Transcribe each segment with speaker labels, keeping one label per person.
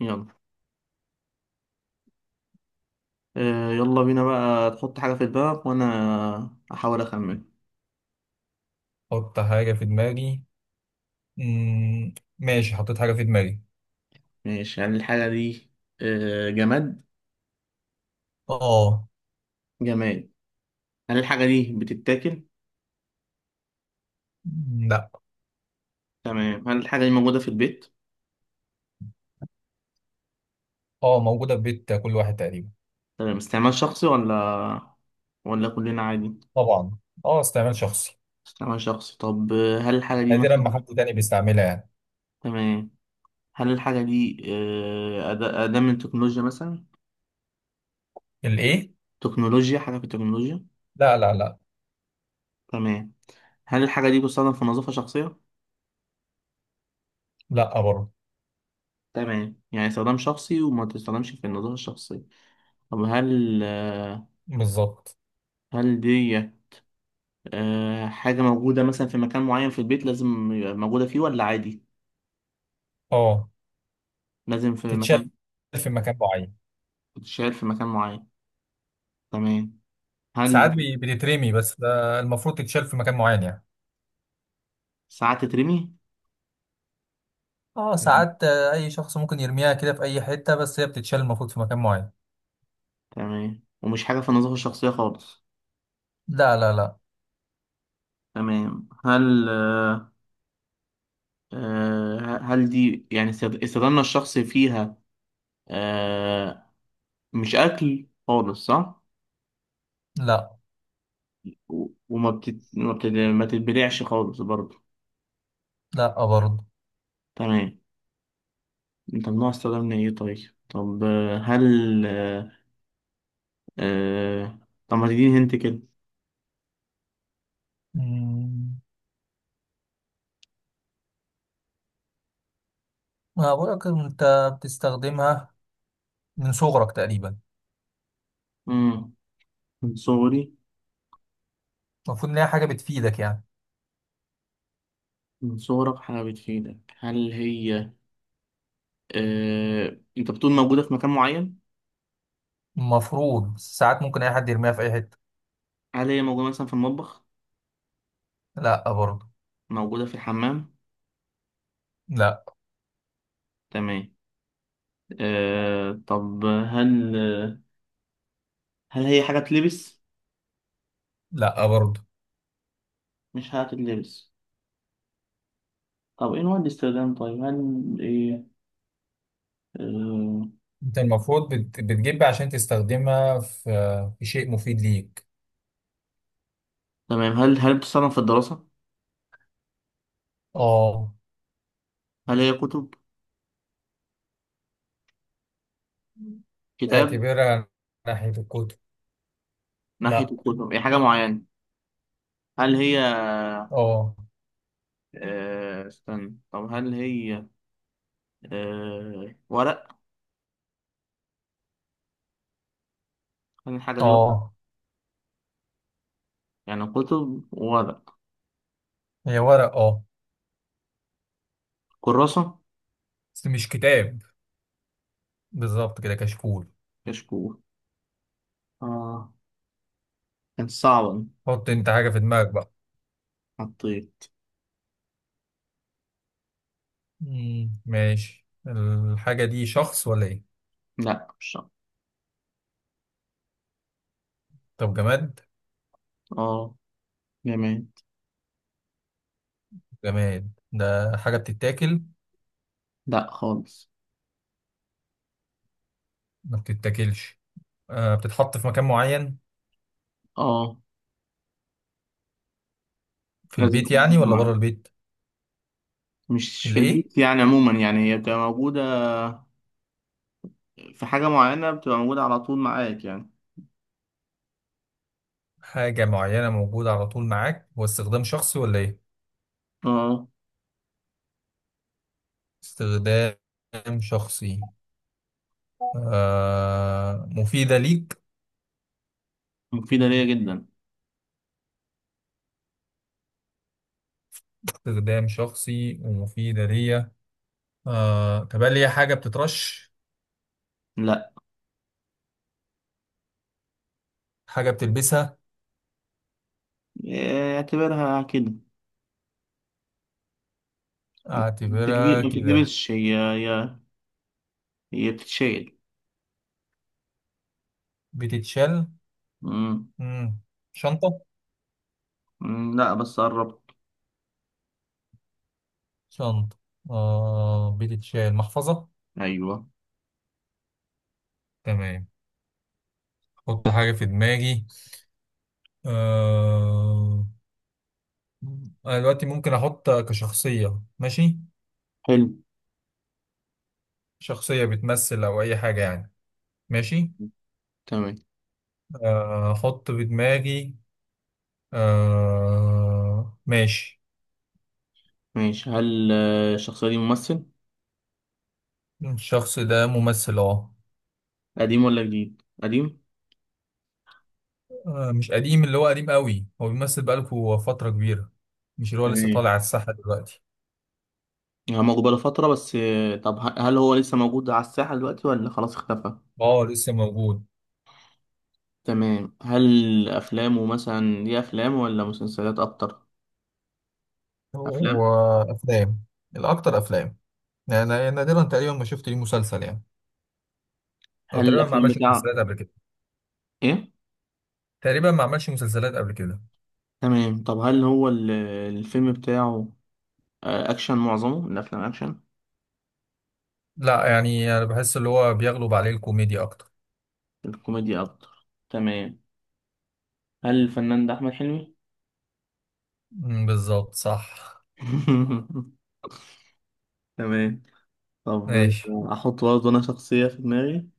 Speaker 1: يلا. يلا بينا بقى تحط حاجة في دماغك وأنا أحاول أخمن.
Speaker 2: احط حاجة في دماغي. مم. ماشي، حطيت حاجة في دماغي.
Speaker 1: ماشي، هل الحاجة دي جماد؟
Speaker 2: اه.
Speaker 1: جماد. هل الحاجة دي بتتاكل؟
Speaker 2: مم، لا.
Speaker 1: تمام. هل الحاجة دي موجودة في البيت؟
Speaker 2: اه، موجودة في بيت كل واحد تقريبا.
Speaker 1: تمام، استعمال شخصي ولا كلنا عادي؟
Speaker 2: طبعا. اه، استعمال شخصي.
Speaker 1: استعمال شخصي. طب هل الحاجة دي
Speaker 2: نادرا ما
Speaker 1: مثلا.
Speaker 2: حد تاني بيستعملها يعني.
Speaker 1: تمام. هل الحاجة دي أداة من تكنولوجيا مثلا؟
Speaker 2: الايه.
Speaker 1: تكنولوجيا؟ حاجة في التكنولوجيا؟
Speaker 2: لا لا لا.
Speaker 1: تمام. هل الحاجة دي بتستخدم في نظافة شخصية؟
Speaker 2: لا برضه.
Speaker 1: تمام، يعني استخدام شخصي وما تستخدمش في النظافة الشخصية. طب هل آه،
Speaker 2: بالظبط.
Speaker 1: هل دي حاجة موجودة مثلا في مكان معين في البيت، لازم يبقى موجودة فيه ولا عادي؟
Speaker 2: اه،
Speaker 1: لازم في
Speaker 2: تتشال
Speaker 1: مكان.
Speaker 2: في مكان معين.
Speaker 1: بتتشال في مكان معين. تمام.
Speaker 2: ساعات
Speaker 1: هل
Speaker 2: بتترمي، بس ده المفروض تتشال في مكان معين يعني.
Speaker 1: ساعات تترمي؟
Speaker 2: اه
Speaker 1: مم.
Speaker 2: ساعات، اي شخص ممكن يرميها كده في اي حتة، بس هي بتتشال المفروض في مكان معين.
Speaker 1: تمام، ومش حاجة في النظافة الشخصية خالص.
Speaker 2: لا لا لا
Speaker 1: تمام. هل آه، آه، هل دي، يعني استخدامنا الشخصي فيها، آه، مش أكل خالص، صح؟
Speaker 2: لا.
Speaker 1: و- وما بتت... ما بتت... ما تتبلعش خالص برضه.
Speaker 2: لا برضه.
Speaker 1: تمام. طب، نوع السعودة من ايه طيب؟ طب هل آه... طب ما تديني هنت كده.
Speaker 2: مم. ما بقولك انت بتستخدمها من صغرك تقريبا.
Speaker 1: مم. من صغري.
Speaker 2: المفروض ان هي حاجه بتفيدك يعني.
Speaker 1: من صغرك حاجة بتفيدك. انت بتقول موجودة في مكان معين.
Speaker 2: المفروض، بس ساعات ممكن اي حد يرميها في اي حته.
Speaker 1: هل هي موجودة مثلا في المطبخ؟
Speaker 2: لا برضه.
Speaker 1: موجودة في الحمام؟
Speaker 2: لا.
Speaker 1: تمام. طب، هل هي حاجة تلبس؟
Speaker 2: لا برضه.
Speaker 1: مش حاجة تلبس. طب ايه نوع الاستخدام طيب؟ آه...
Speaker 2: انت المفروض بتجيب عشان تستخدمها في شيء مفيد ليك.
Speaker 1: تمام. هل بتستخدم في الدراسة؟
Speaker 2: اه.
Speaker 1: هل هي كتب؟ كتاب؟
Speaker 2: اعتبرها ناحية الكتب.
Speaker 1: ناحية
Speaker 2: لا.
Speaker 1: الكتب. هي حاجة معينة؟ هل هي
Speaker 2: اه.
Speaker 1: آه، استنى. طب هل هي آه، ورق؟ هل الحاجة دي ورق؟
Speaker 2: اه،
Speaker 1: يعني كتب وورق؟
Speaker 2: هي ورق اه.
Speaker 1: كراسة؟
Speaker 2: بس مش كتاب. بالظبط كده، كشكول.
Speaker 1: كشكول. اه، كانت صعبة دي.
Speaker 2: حط انت حاجة في دماغك بقى.
Speaker 1: حطيت.
Speaker 2: مم. ماشي، الحاجة دي شخص ولا ايه؟
Speaker 1: لا، مش صعب.
Speaker 2: طب جماد.
Speaker 1: اه. جميل.
Speaker 2: جماد ده حاجة بتتاكل؟
Speaker 1: لا خالص.
Speaker 2: ما بتتاكلش. آه بتتحط في مكان معين.
Speaker 1: اه.
Speaker 2: في
Speaker 1: لازم
Speaker 2: البيت
Speaker 1: تكون في
Speaker 2: يعني ولا بره
Speaker 1: معاك،
Speaker 2: البيت؟
Speaker 1: مش في
Speaker 2: اللي ايه.
Speaker 1: البيت يعني، عموما يعني هي بتبقى موجودة في حاجة معينة، بتبقى موجودة على طول معاك يعني.
Speaker 2: حاجة معينة موجودة على طول معاك، هو استخدام شخصي ولا ايه؟
Speaker 1: اه،
Speaker 2: استخدام شخصي. آه مفيدة ليك.
Speaker 1: مفيدة ليا جدا.
Speaker 2: استخدام شخصي ومفيدة ليا. آه طب هل هي حاجة بتترش؟
Speaker 1: لا،
Speaker 2: حاجة بتلبسها؟
Speaker 1: إيه، اعتبرها كده.
Speaker 2: اعتبرها
Speaker 1: ما
Speaker 2: كده.
Speaker 1: تتلبسش. هي بتتشيل.
Speaker 2: بتتشال.
Speaker 1: مم.
Speaker 2: مم. شنطة؟
Speaker 1: مم، لا، بس قربت.
Speaker 2: شنطة. آه بتتشال محفظة.
Speaker 1: ايوه.
Speaker 2: تمام. احط حاجة في دماغي. أه... انا دلوقتي ممكن احط كشخصية ماشي.
Speaker 1: حلو.
Speaker 2: شخصية بتمثل او اي حاجة يعني. ماشي.
Speaker 1: تمام.
Speaker 2: آه، احط في دماغي. ماشي.
Speaker 1: ماشي. هل الشخصية دي ممثل؟
Speaker 2: الشخص ده ممثل اه.
Speaker 1: قديم ولا جديد؟ قديم.
Speaker 2: آه، مش قديم اللي هو قديم قوي، هو بيمثل بقاله فترة كبيرة. مش اللي هو لسه
Speaker 1: تمام.
Speaker 2: طالع على الساحة دلوقتي.
Speaker 1: هو موجود بقاله فترة، بس هل هو لسه موجود على الساحة دلوقتي ولا خلاص اختفى؟
Speaker 2: اه لسه موجود.
Speaker 1: تمام. هل أفلامه مثلا دي أفلام ولا مسلسلات أكتر؟ أفلام.
Speaker 2: هو افلام. الاكتر افلام. يعني أنا نادرا تقريبا ما شفت ليه مسلسل يعني. او
Speaker 1: هل
Speaker 2: تقريبا ما
Speaker 1: الأفلام
Speaker 2: عملش
Speaker 1: بتاعه
Speaker 2: مسلسلات قبل كده.
Speaker 1: إيه؟
Speaker 2: تقريبا ما عملش مسلسلات قبل كده.
Speaker 1: تمام. طب هل هو الفيلم بتاعه أكشن؟ معظمه الأفلام أكشن؟
Speaker 2: لا، يعني انا بحس اللي هو بيغلب عليه الكوميديا اكتر.
Speaker 1: الكوميديا أكتر. تمام. هل الفنان ده أحمد حلمي؟
Speaker 2: مم، بالظبط صح.
Speaker 1: تمام. طب،
Speaker 2: ماشي.
Speaker 1: أحط برضه أنا شخصية في دماغي.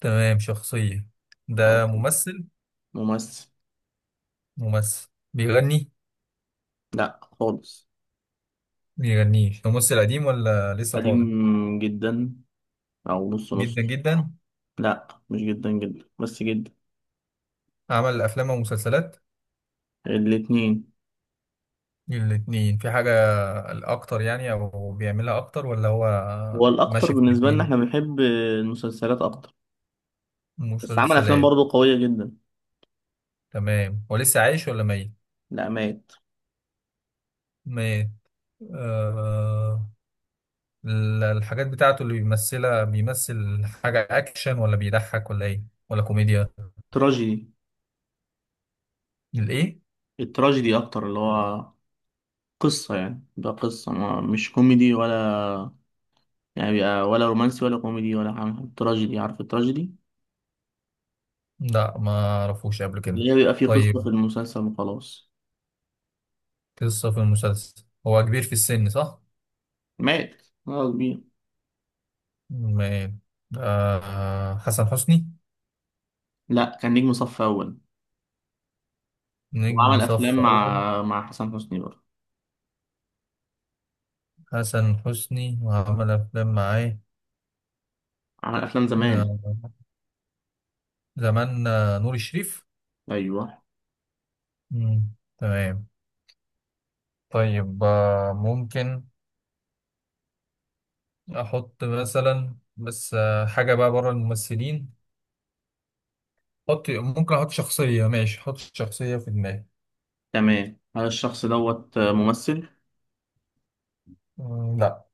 Speaker 2: تمام شخصية.
Speaker 1: أو
Speaker 2: ده ممثل.
Speaker 1: ممثل.
Speaker 2: ممثل بيغني؟
Speaker 1: لأ خالص.
Speaker 2: بيغنيش؟ ده ممثل قديم ولا لسه طالع؟
Speaker 1: قديم جدا. أو نص
Speaker 2: جدا
Speaker 1: نص.
Speaker 2: جدا.
Speaker 1: لأ، مش جدا جدا بس جدا.
Speaker 2: عمل افلام ومسلسلات.
Speaker 1: الاتنين.
Speaker 2: الاتنين في حاجة الاكتر يعني، او بيعملها اكتر ولا هو؟
Speaker 1: هو الأكتر.
Speaker 2: ماشي في
Speaker 1: بالنسبة لنا،
Speaker 2: الاتنين.
Speaker 1: إحنا بنحب المسلسلات أكتر. بس عمل أفلام
Speaker 2: مسلسلات.
Speaker 1: برضه قوية جدا.
Speaker 2: تمام، هو لسه عايش ولا ميت؟
Speaker 1: لأ، مات.
Speaker 2: ميت. آه الحاجات بتاعته اللي بيمثلها، بيمثل حاجة أكشن ولا بيضحك ولا إيه؟ ولا كوميديا.
Speaker 1: تراجيدي.
Speaker 2: الإيه؟
Speaker 1: التراجيدي أكتر، اللي هو قصة، يعني ده قصة ما، مش كوميدي ولا، يعني بيبقى، ولا رومانسي ولا كوميدي ولا حاجة، تراجيدي. عارف التراجيدي؟
Speaker 2: لا ما أعرفوش قبل كده.
Speaker 1: اللي هي بيبقى فيه قصة في
Speaker 2: طيب.
Speaker 1: المسلسل وخلاص.
Speaker 2: قصة في المسلسل هو كبير في السن صح؟
Speaker 1: مات خلاص. كبير.
Speaker 2: مال. آه حسن حسني.
Speaker 1: لا، كان نجم صف أول.
Speaker 2: نجم
Speaker 1: وعمل أفلام
Speaker 2: صف أول.
Speaker 1: مع حسن حسني برضه.
Speaker 2: حسن حسني وعمل أفلام معاه.
Speaker 1: عمل أفلام زمان.
Speaker 2: آه زمان. آه، نور الشريف.
Speaker 1: أيوه.
Speaker 2: مم. تمام. طيب ممكن أحط مثلا بس حاجة بقى بره الممثلين. حط ممكن احط شخصية ماشي. حط شخصية في دماغي.
Speaker 1: تمام. هل الشخص دوت ممثل؟
Speaker 2: مم، لا.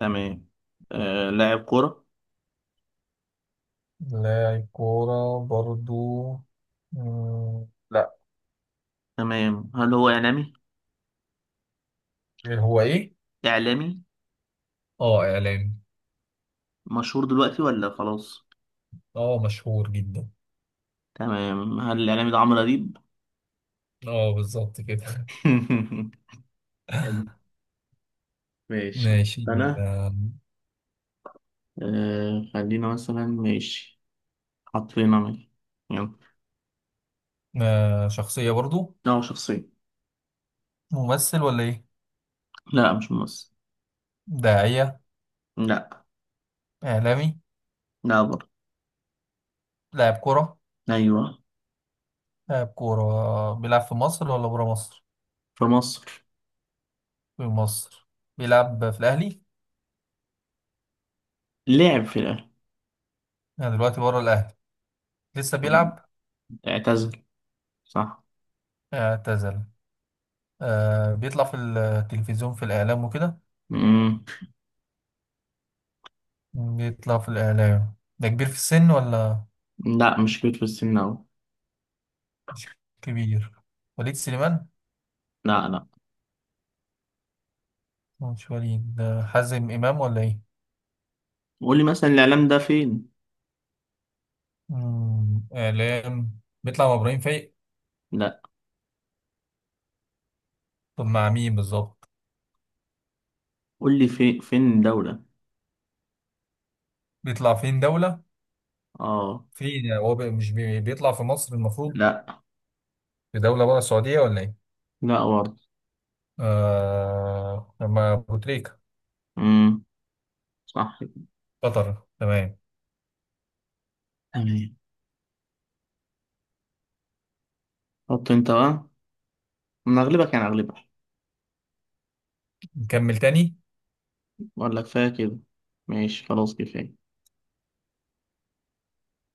Speaker 1: تمام. لاعب كورة؟
Speaker 2: لاعب كورة برضو. مم، لا.
Speaker 1: تمام. هل هو إعلامي؟
Speaker 2: هو ايه؟
Speaker 1: إعلامي.
Speaker 2: اه اعلامي.
Speaker 1: مشهور دلوقتي ولا خلاص؟
Speaker 2: اه مشهور جدا.
Speaker 1: تمام. هل الإعلامي ده عمرو أديب؟
Speaker 2: اه بالظبط كده.
Speaker 1: حلو. ماشي،
Speaker 2: ماشي،
Speaker 1: أنا. خلينا مثلا ماشي، حاطين، انا. يلا.
Speaker 2: شخصية برضو.
Speaker 1: لا، هو شخصية.
Speaker 2: ممثل ولا ايه؟
Speaker 1: لا مش ممثل.
Speaker 2: داعية.
Speaker 1: لا.
Speaker 2: اعلامي.
Speaker 1: لا برضه.
Speaker 2: لاعب كورة.
Speaker 1: أيوه.
Speaker 2: لاعب كورة بيلعب في مصر ولا برا مصر؟
Speaker 1: في مصر.
Speaker 2: في مصر. بيلعب في الاهلي؟
Speaker 1: لعب في الاهلي.
Speaker 2: يعني دلوقتي برا الاهلي لسه بيلعب؟
Speaker 1: اعتزل. صح.
Speaker 2: اعتزل. آه بيطلع في التلفزيون في الإعلام وكده.
Speaker 1: مم.
Speaker 2: بيطلع في الإعلام، ده كبير في السن ولا؟
Speaker 1: لا، مش كبير في السن أوي.
Speaker 2: مش كبير. وليد سليمان.
Speaker 1: لا، لا.
Speaker 2: مش وليد، ده حازم إمام ولا إيه؟
Speaker 1: قول لي، مثلا الإعلام ده فين؟
Speaker 2: مم، إعلام بيطلع مع إبراهيم فايق.
Speaker 1: لا.
Speaker 2: طب مع مين بالظبط؟
Speaker 1: قول لي في فين دولة.
Speaker 2: بيطلع فين دولة.
Speaker 1: اه.
Speaker 2: فين يعني، هو بي- مش بي- بيطلع في مصر المفروض.
Speaker 1: لا.
Speaker 2: في دولة بره السعودية ولا إيه؟
Speaker 1: لا برضه.
Speaker 2: آه ما أبو تريكة.
Speaker 1: امم. صح كده.
Speaker 2: قطر. تمام.
Speaker 1: تمام. حط انت بقى. انا اغلبك، يعني اغلبك.
Speaker 2: نكمل تاني.
Speaker 1: ولا كفايه كده؟ ماشي، خلاص كفايه.